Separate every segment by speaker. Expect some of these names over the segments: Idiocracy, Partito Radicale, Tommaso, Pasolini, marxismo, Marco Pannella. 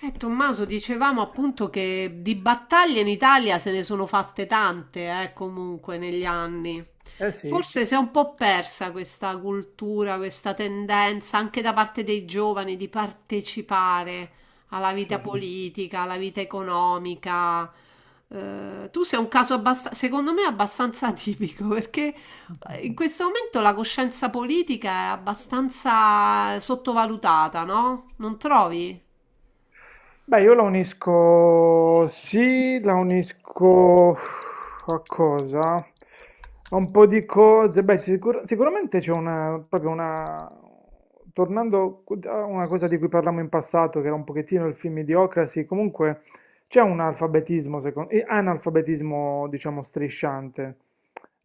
Speaker 1: Tommaso, dicevamo appunto che di battaglie in Italia se ne sono fatte tante, comunque negli anni.
Speaker 2: Eh sì,
Speaker 1: Forse si è un po' persa questa cultura, questa tendenza anche da parte dei giovani di partecipare alla vita
Speaker 2: sì.
Speaker 1: politica, alla vita economica. Tu sei un caso secondo me abbastanza atipico perché in questo momento la coscienza politica è abbastanza sottovalutata, no? Non trovi?
Speaker 2: Beh, io la unisco, sì, la unisco a cosa? A un po' di cose. Beh, sicuramente c'è una, proprio una, tornando a una cosa di cui parlavamo in passato, che era un pochettino il film Idiocracy. Comunque c'è un alfabetismo, secondo, analfabetismo, diciamo, strisciante,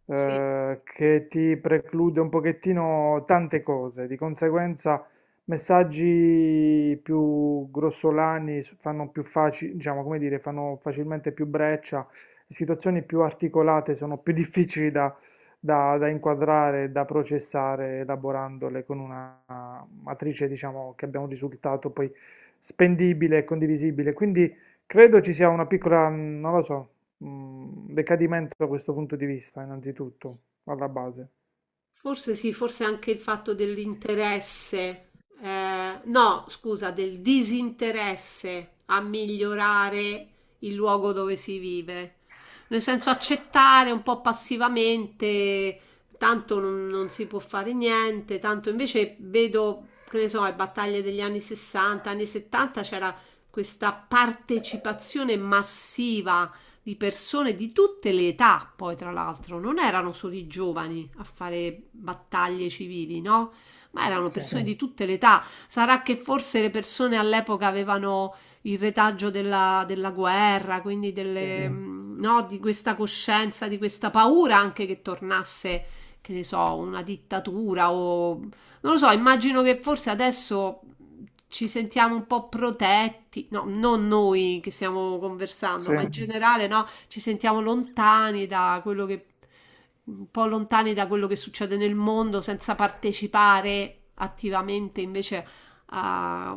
Speaker 2: che ti preclude un pochettino tante cose, di conseguenza. Messaggi più grossolani fanno più facile, diciamo, come dire, fanno facilmente più breccia. Situazioni più articolate sono più difficili da inquadrare, da processare, elaborandole con una matrice, diciamo, che abbia un risultato poi spendibile e condivisibile. Quindi credo ci sia una piccola, non lo so, decadimento da questo punto di vista, innanzitutto, alla base.
Speaker 1: Forse sì, forse anche il fatto dell'interesse, no, scusa, del disinteresse a migliorare il luogo dove si vive. Nel senso accettare un po' passivamente, tanto non si può fare niente, tanto invece vedo, che ne so, le battaglie degli anni 60, anni 70. C'era questa partecipazione massiva di persone di tutte le età, poi tra l'altro, non erano solo i giovani a fare battaglie civili, no? Ma erano
Speaker 2: Sì,
Speaker 1: persone, sì, di tutte le età. Sarà che forse le persone all'epoca avevano il retaggio della guerra, quindi
Speaker 2: sì,
Speaker 1: delle, sì, no, di questa coscienza, di questa paura anche che tornasse, che ne so, una dittatura o non lo so, immagino che forse adesso ci sentiamo un po' protetti, no, non noi che stiamo conversando,
Speaker 2: sì,
Speaker 1: ma in generale, no, ci sentiamo lontani da quello che, un po' lontani da quello che succede nel mondo senza partecipare attivamente invece a-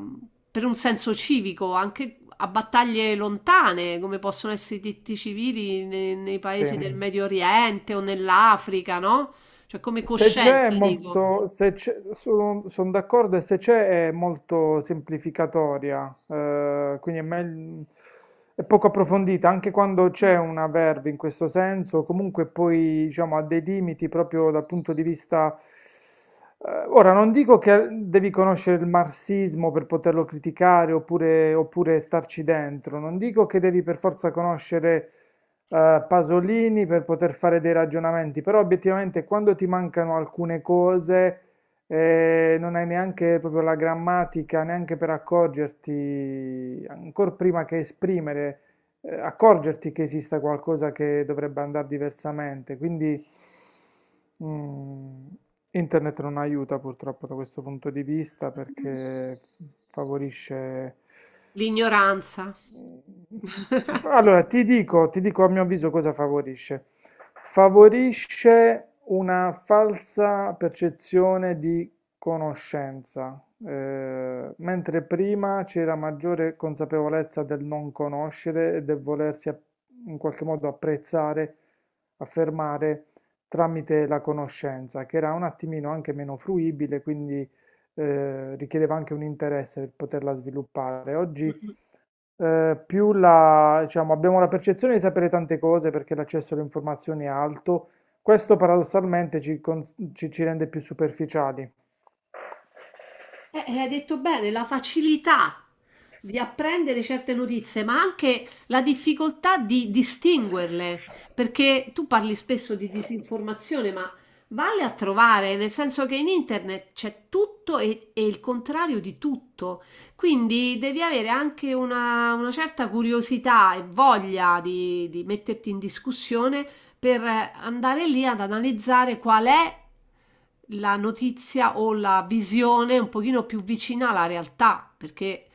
Speaker 1: per un senso civico, anche a battaglie lontane, come possono essere i diritti civili nei, paesi
Speaker 2: sì.
Speaker 1: del Medio Oriente o nell'Africa, no? Cioè come
Speaker 2: Se c'è è
Speaker 1: coscienza, dico.
Speaker 2: molto, se c'è, sono d'accordo, e se c'è è molto semplificatoria, quindi è, è poco approfondita, anche quando
Speaker 1: Mm.
Speaker 2: c'è una verve in questo senso. Comunque poi, diciamo, ha dei limiti proprio dal punto di vista. Ora, non dico che devi conoscere il marxismo per poterlo criticare, oppure starci dentro; non dico che devi per forza conoscere Pasolini per poter fare dei ragionamenti, però obiettivamente quando ti mancano alcune cose, non hai neanche proprio la grammatica, neanche per accorgerti, ancora prima che esprimere, accorgerti che esista qualcosa che dovrebbe andare diversamente. Quindi mm, internet non aiuta purtroppo da questo punto di vista,
Speaker 1: Mh.
Speaker 2: perché favorisce.
Speaker 1: L'ignoranza.
Speaker 2: Mm.
Speaker 1: Mh-mh.
Speaker 2: Allora, ti dico a mio avviso cosa favorisce. Favorisce una falsa percezione di conoscenza, mentre prima c'era maggiore consapevolezza del non conoscere e del volersi in qualche modo apprezzare, affermare tramite la conoscenza, che era un attimino anche meno fruibile. Quindi richiedeva anche un interesse per poterla sviluppare. Oggi più la, diciamo, abbiamo la percezione di sapere tante cose perché l'accesso alle informazioni è alto. Questo paradossalmente ci rende più superficiali.
Speaker 1: E hai detto bene, la facilità di apprendere certe notizie, ma anche la difficoltà di distinguerle, perché tu parli spesso di disinformazione, ma vale a trovare, nel senso che in internet c'è tutto e il contrario di tutto, quindi devi avere anche una certa curiosità e voglia di metterti in discussione per andare lì ad analizzare qual è la notizia o la visione un pochino più vicina alla realtà, perché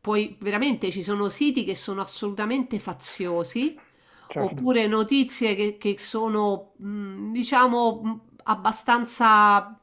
Speaker 1: poi veramente ci sono siti che sono assolutamente faziosi,
Speaker 2: Certo,
Speaker 1: oppure notizie che sono, diciamo, abbastanza,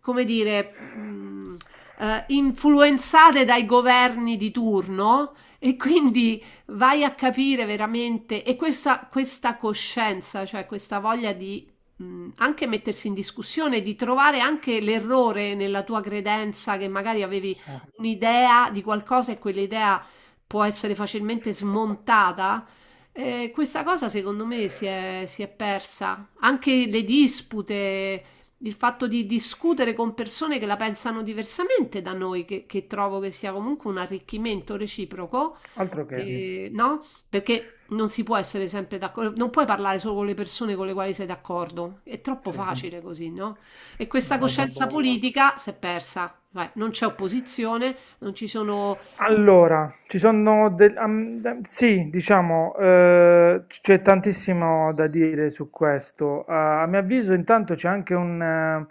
Speaker 1: come dire, influenzate dai governi di turno e quindi vai a capire veramente e questa coscienza, cioè questa voglia di anche mettersi in discussione, di trovare anche l'errore nella tua credenza che magari avevi
Speaker 2: sì.
Speaker 1: un'idea di qualcosa e quell'idea può essere facilmente smontata. Eh, questa cosa secondo me si è persa. Anche le dispute, il fatto di discutere con persone che la pensano diversamente da noi, che trovo che sia comunque un arricchimento reciproco,
Speaker 2: Altro
Speaker 1: mhm,
Speaker 2: che,
Speaker 1: no? Perché non si può essere sempre d'accordo, non puoi parlare solo con le persone con le quali sei d'accordo, è troppo, mm,
Speaker 2: sì,
Speaker 1: facile così, no? E questa, mm,
Speaker 2: la tua
Speaker 1: coscienza
Speaker 2: bolla.
Speaker 1: politica si è persa, vai, non c'è opposizione, non ci sono...
Speaker 2: Allora, ci sono sì, diciamo, c'è tantissimo da dire su questo. A mio avviso, intanto c'è anche un, eh,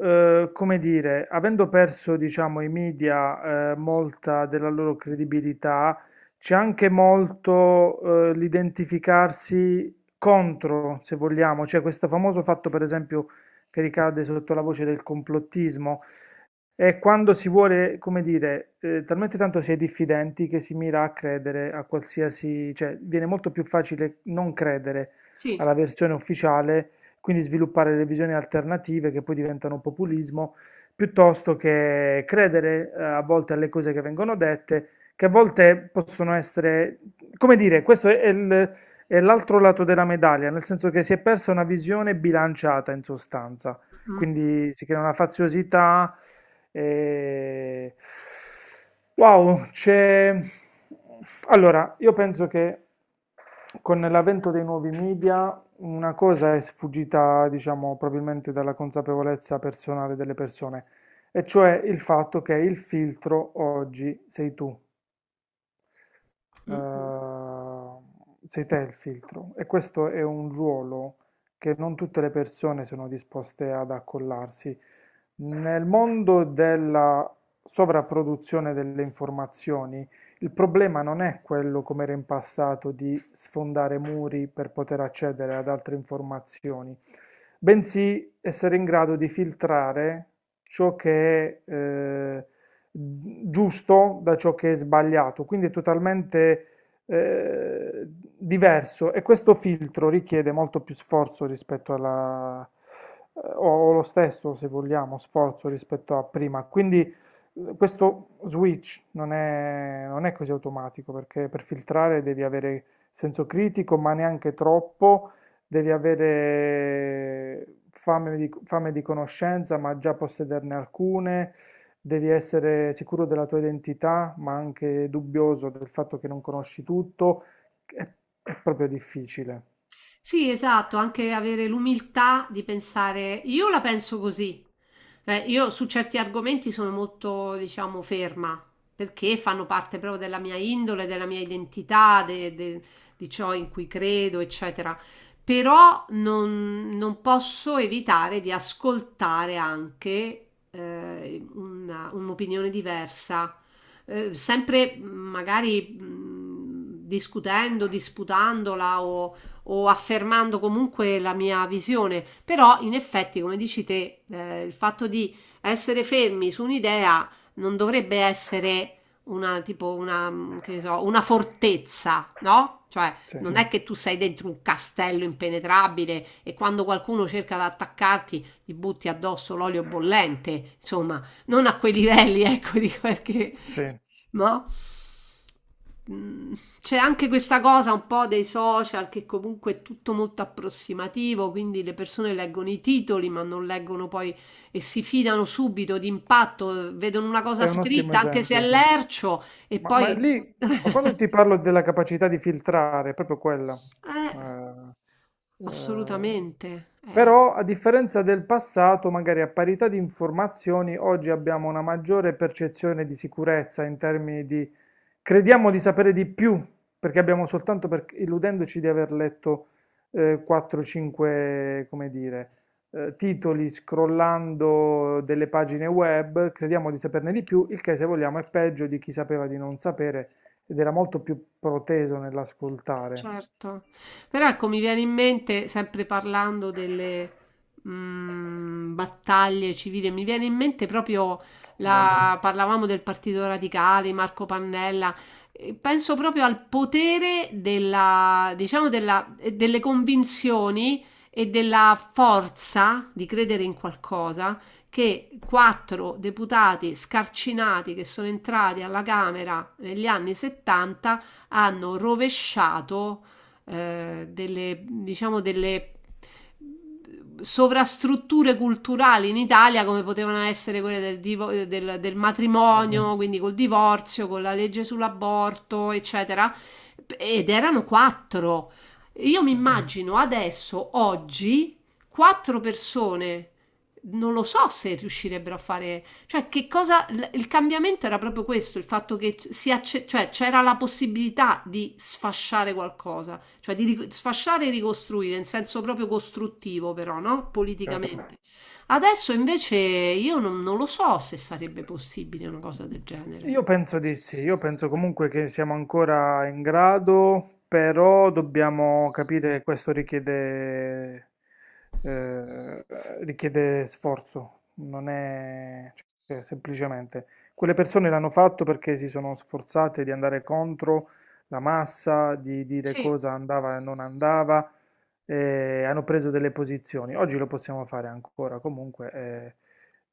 Speaker 2: eh, come dire, avendo perso, diciamo, i media, molta della loro credibilità. C'è anche molto, l'identificarsi contro, se vogliamo, cioè questo famoso fatto, per esempio, che ricade sotto la voce del complottismo. È quando si vuole, come dire, talmente tanto si è diffidenti che si mira a credere a qualsiasi, cioè viene molto più facile non credere
Speaker 1: Sì.
Speaker 2: alla versione ufficiale, quindi sviluppare le visioni alternative che poi diventano populismo, piuttosto che credere a volte alle cose che vengono dette, che a volte possono essere, come dire, questo è è l'altro lato della medaglia, nel senso che si è persa una visione bilanciata, in sostanza.
Speaker 1: Mm,
Speaker 2: Quindi si crea una faziosità. E... Wow, c'è... Allora, io penso che con l'avvento dei nuovi media una cosa è sfuggita, diciamo, probabilmente dalla consapevolezza personale delle persone, e cioè il fatto che il filtro oggi sei tu,
Speaker 1: mm, mm.
Speaker 2: sei te il filtro, e questo è un ruolo che non tutte le persone sono disposte ad accollarsi. Nel mondo della sovrapproduzione delle informazioni, il problema non è quello, come era in passato, di sfondare muri per poter accedere ad altre informazioni, bensì essere in grado di filtrare ciò che è giusto da ciò che è sbagliato. Quindi è totalmente eh, diverso, e questo filtro richiede molto più sforzo rispetto alla. O lo stesso, se vogliamo, sforzo rispetto a prima. Quindi questo switch non è così automatico, perché per filtrare devi avere senso critico, ma neanche troppo; devi avere fame di conoscenza, ma già possederne alcune. Devi essere sicuro della tua identità, ma anche dubbioso del fatto che non conosci tutto. È, è proprio difficile.
Speaker 1: Sì, esatto, anche avere l'umiltà di pensare, io la penso così. Io su certi argomenti sono molto, diciamo, ferma, perché fanno parte proprio della mia indole, della mia identità, di ciò in cui credo, eccetera. Però non posso evitare di ascoltare anche un'opinione diversa, sempre magari discutendo, disputandola o affermando comunque la mia visione, però in effetti, come dici te, il fatto di essere fermi su un'idea non dovrebbe essere una, tipo una, mm, che ne so, una fortezza, no? Cioè,
Speaker 2: Sì,
Speaker 1: non è che tu sei dentro un castello impenetrabile e quando qualcuno cerca di attaccarti gli butti addosso l'olio bollente, insomma, non a quei livelli, ecco, dico perché
Speaker 2: sì, è
Speaker 1: no? Mm. C'è anche questa cosa un po' dei social che comunque è tutto molto approssimativo, quindi le persone leggono i titoli ma non leggono poi e si fidano subito d'impatto, vedono una cosa
Speaker 2: un ottimo
Speaker 1: scritta anche se è
Speaker 2: esempio.
Speaker 1: lercio e
Speaker 2: Ma
Speaker 1: poi...
Speaker 2: lì, ma quando ti parlo della capacità di filtrare, è proprio quella.
Speaker 1: Eh,
Speaker 2: Eh, eh,
Speaker 1: assolutamente, eh.
Speaker 2: Però, a differenza del passato, magari a parità di informazioni, oggi abbiamo una maggiore percezione di sicurezza in termini di, crediamo di sapere di più, perché abbiamo soltanto illudendoci di aver letto 4-5, come dire, titoli scrollando delle pagine web, crediamo di saperne di più, il che se vogliamo è peggio di chi sapeva di non sapere ed era molto più proteso nell'ascoltare.
Speaker 1: Certo. Però ecco, mi viene in mente, sempre parlando delle battaglie civili, mi viene in mente proprio
Speaker 2: Vero?
Speaker 1: la... parlavamo del Partito Radicale, Marco Pannella. E penso proprio al potere della, diciamo della, delle convinzioni e della forza di credere in qualcosa, che quattro deputati scarcinati che sono entrati alla Camera negli anni 70 hanno rovesciato delle, diciamo, delle sovrastrutture culturali in Italia come potevano essere quelle del
Speaker 2: Sì,
Speaker 1: matrimonio, quindi col divorzio, con la legge sull'aborto, eccetera. Ed erano quattro. Io mi
Speaker 2: sì, sì,
Speaker 1: immagino adesso, oggi, quattro persone. Non lo so se riuscirebbero a fare, cioè, che cosa il cambiamento era proprio questo, il fatto che cioè, c'era la possibilità di sfasciare qualcosa, cioè di sfasciare e ricostruire in senso proprio costruttivo, però, no?
Speaker 2: certo.
Speaker 1: Politicamente. Adesso invece io non lo so se sarebbe possibile una cosa del genere.
Speaker 2: Io penso di sì, io penso comunque che siamo ancora in grado, però dobbiamo capire che questo eh, richiede sforzo, non è, cioè, semplicemente. Quelle persone l'hanno fatto perché si sono sforzate di andare contro la massa, di dire
Speaker 1: Sì,
Speaker 2: cosa andava e non andava, e hanno preso delle posizioni. Oggi lo possiamo fare ancora comunque,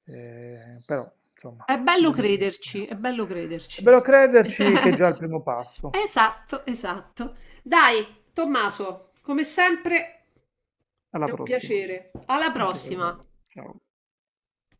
Speaker 2: però insomma.
Speaker 1: è bello crederci,
Speaker 2: Democrazia.
Speaker 1: è bello
Speaker 2: È
Speaker 1: crederci.
Speaker 2: bello crederci, che è già il primo passo.
Speaker 1: Esatto, esatto. Dai, Tommaso, come sempre
Speaker 2: Alla
Speaker 1: è un
Speaker 2: prossima.
Speaker 1: piacere. Alla
Speaker 2: Anche per me.
Speaker 1: prossima.
Speaker 2: Ciao.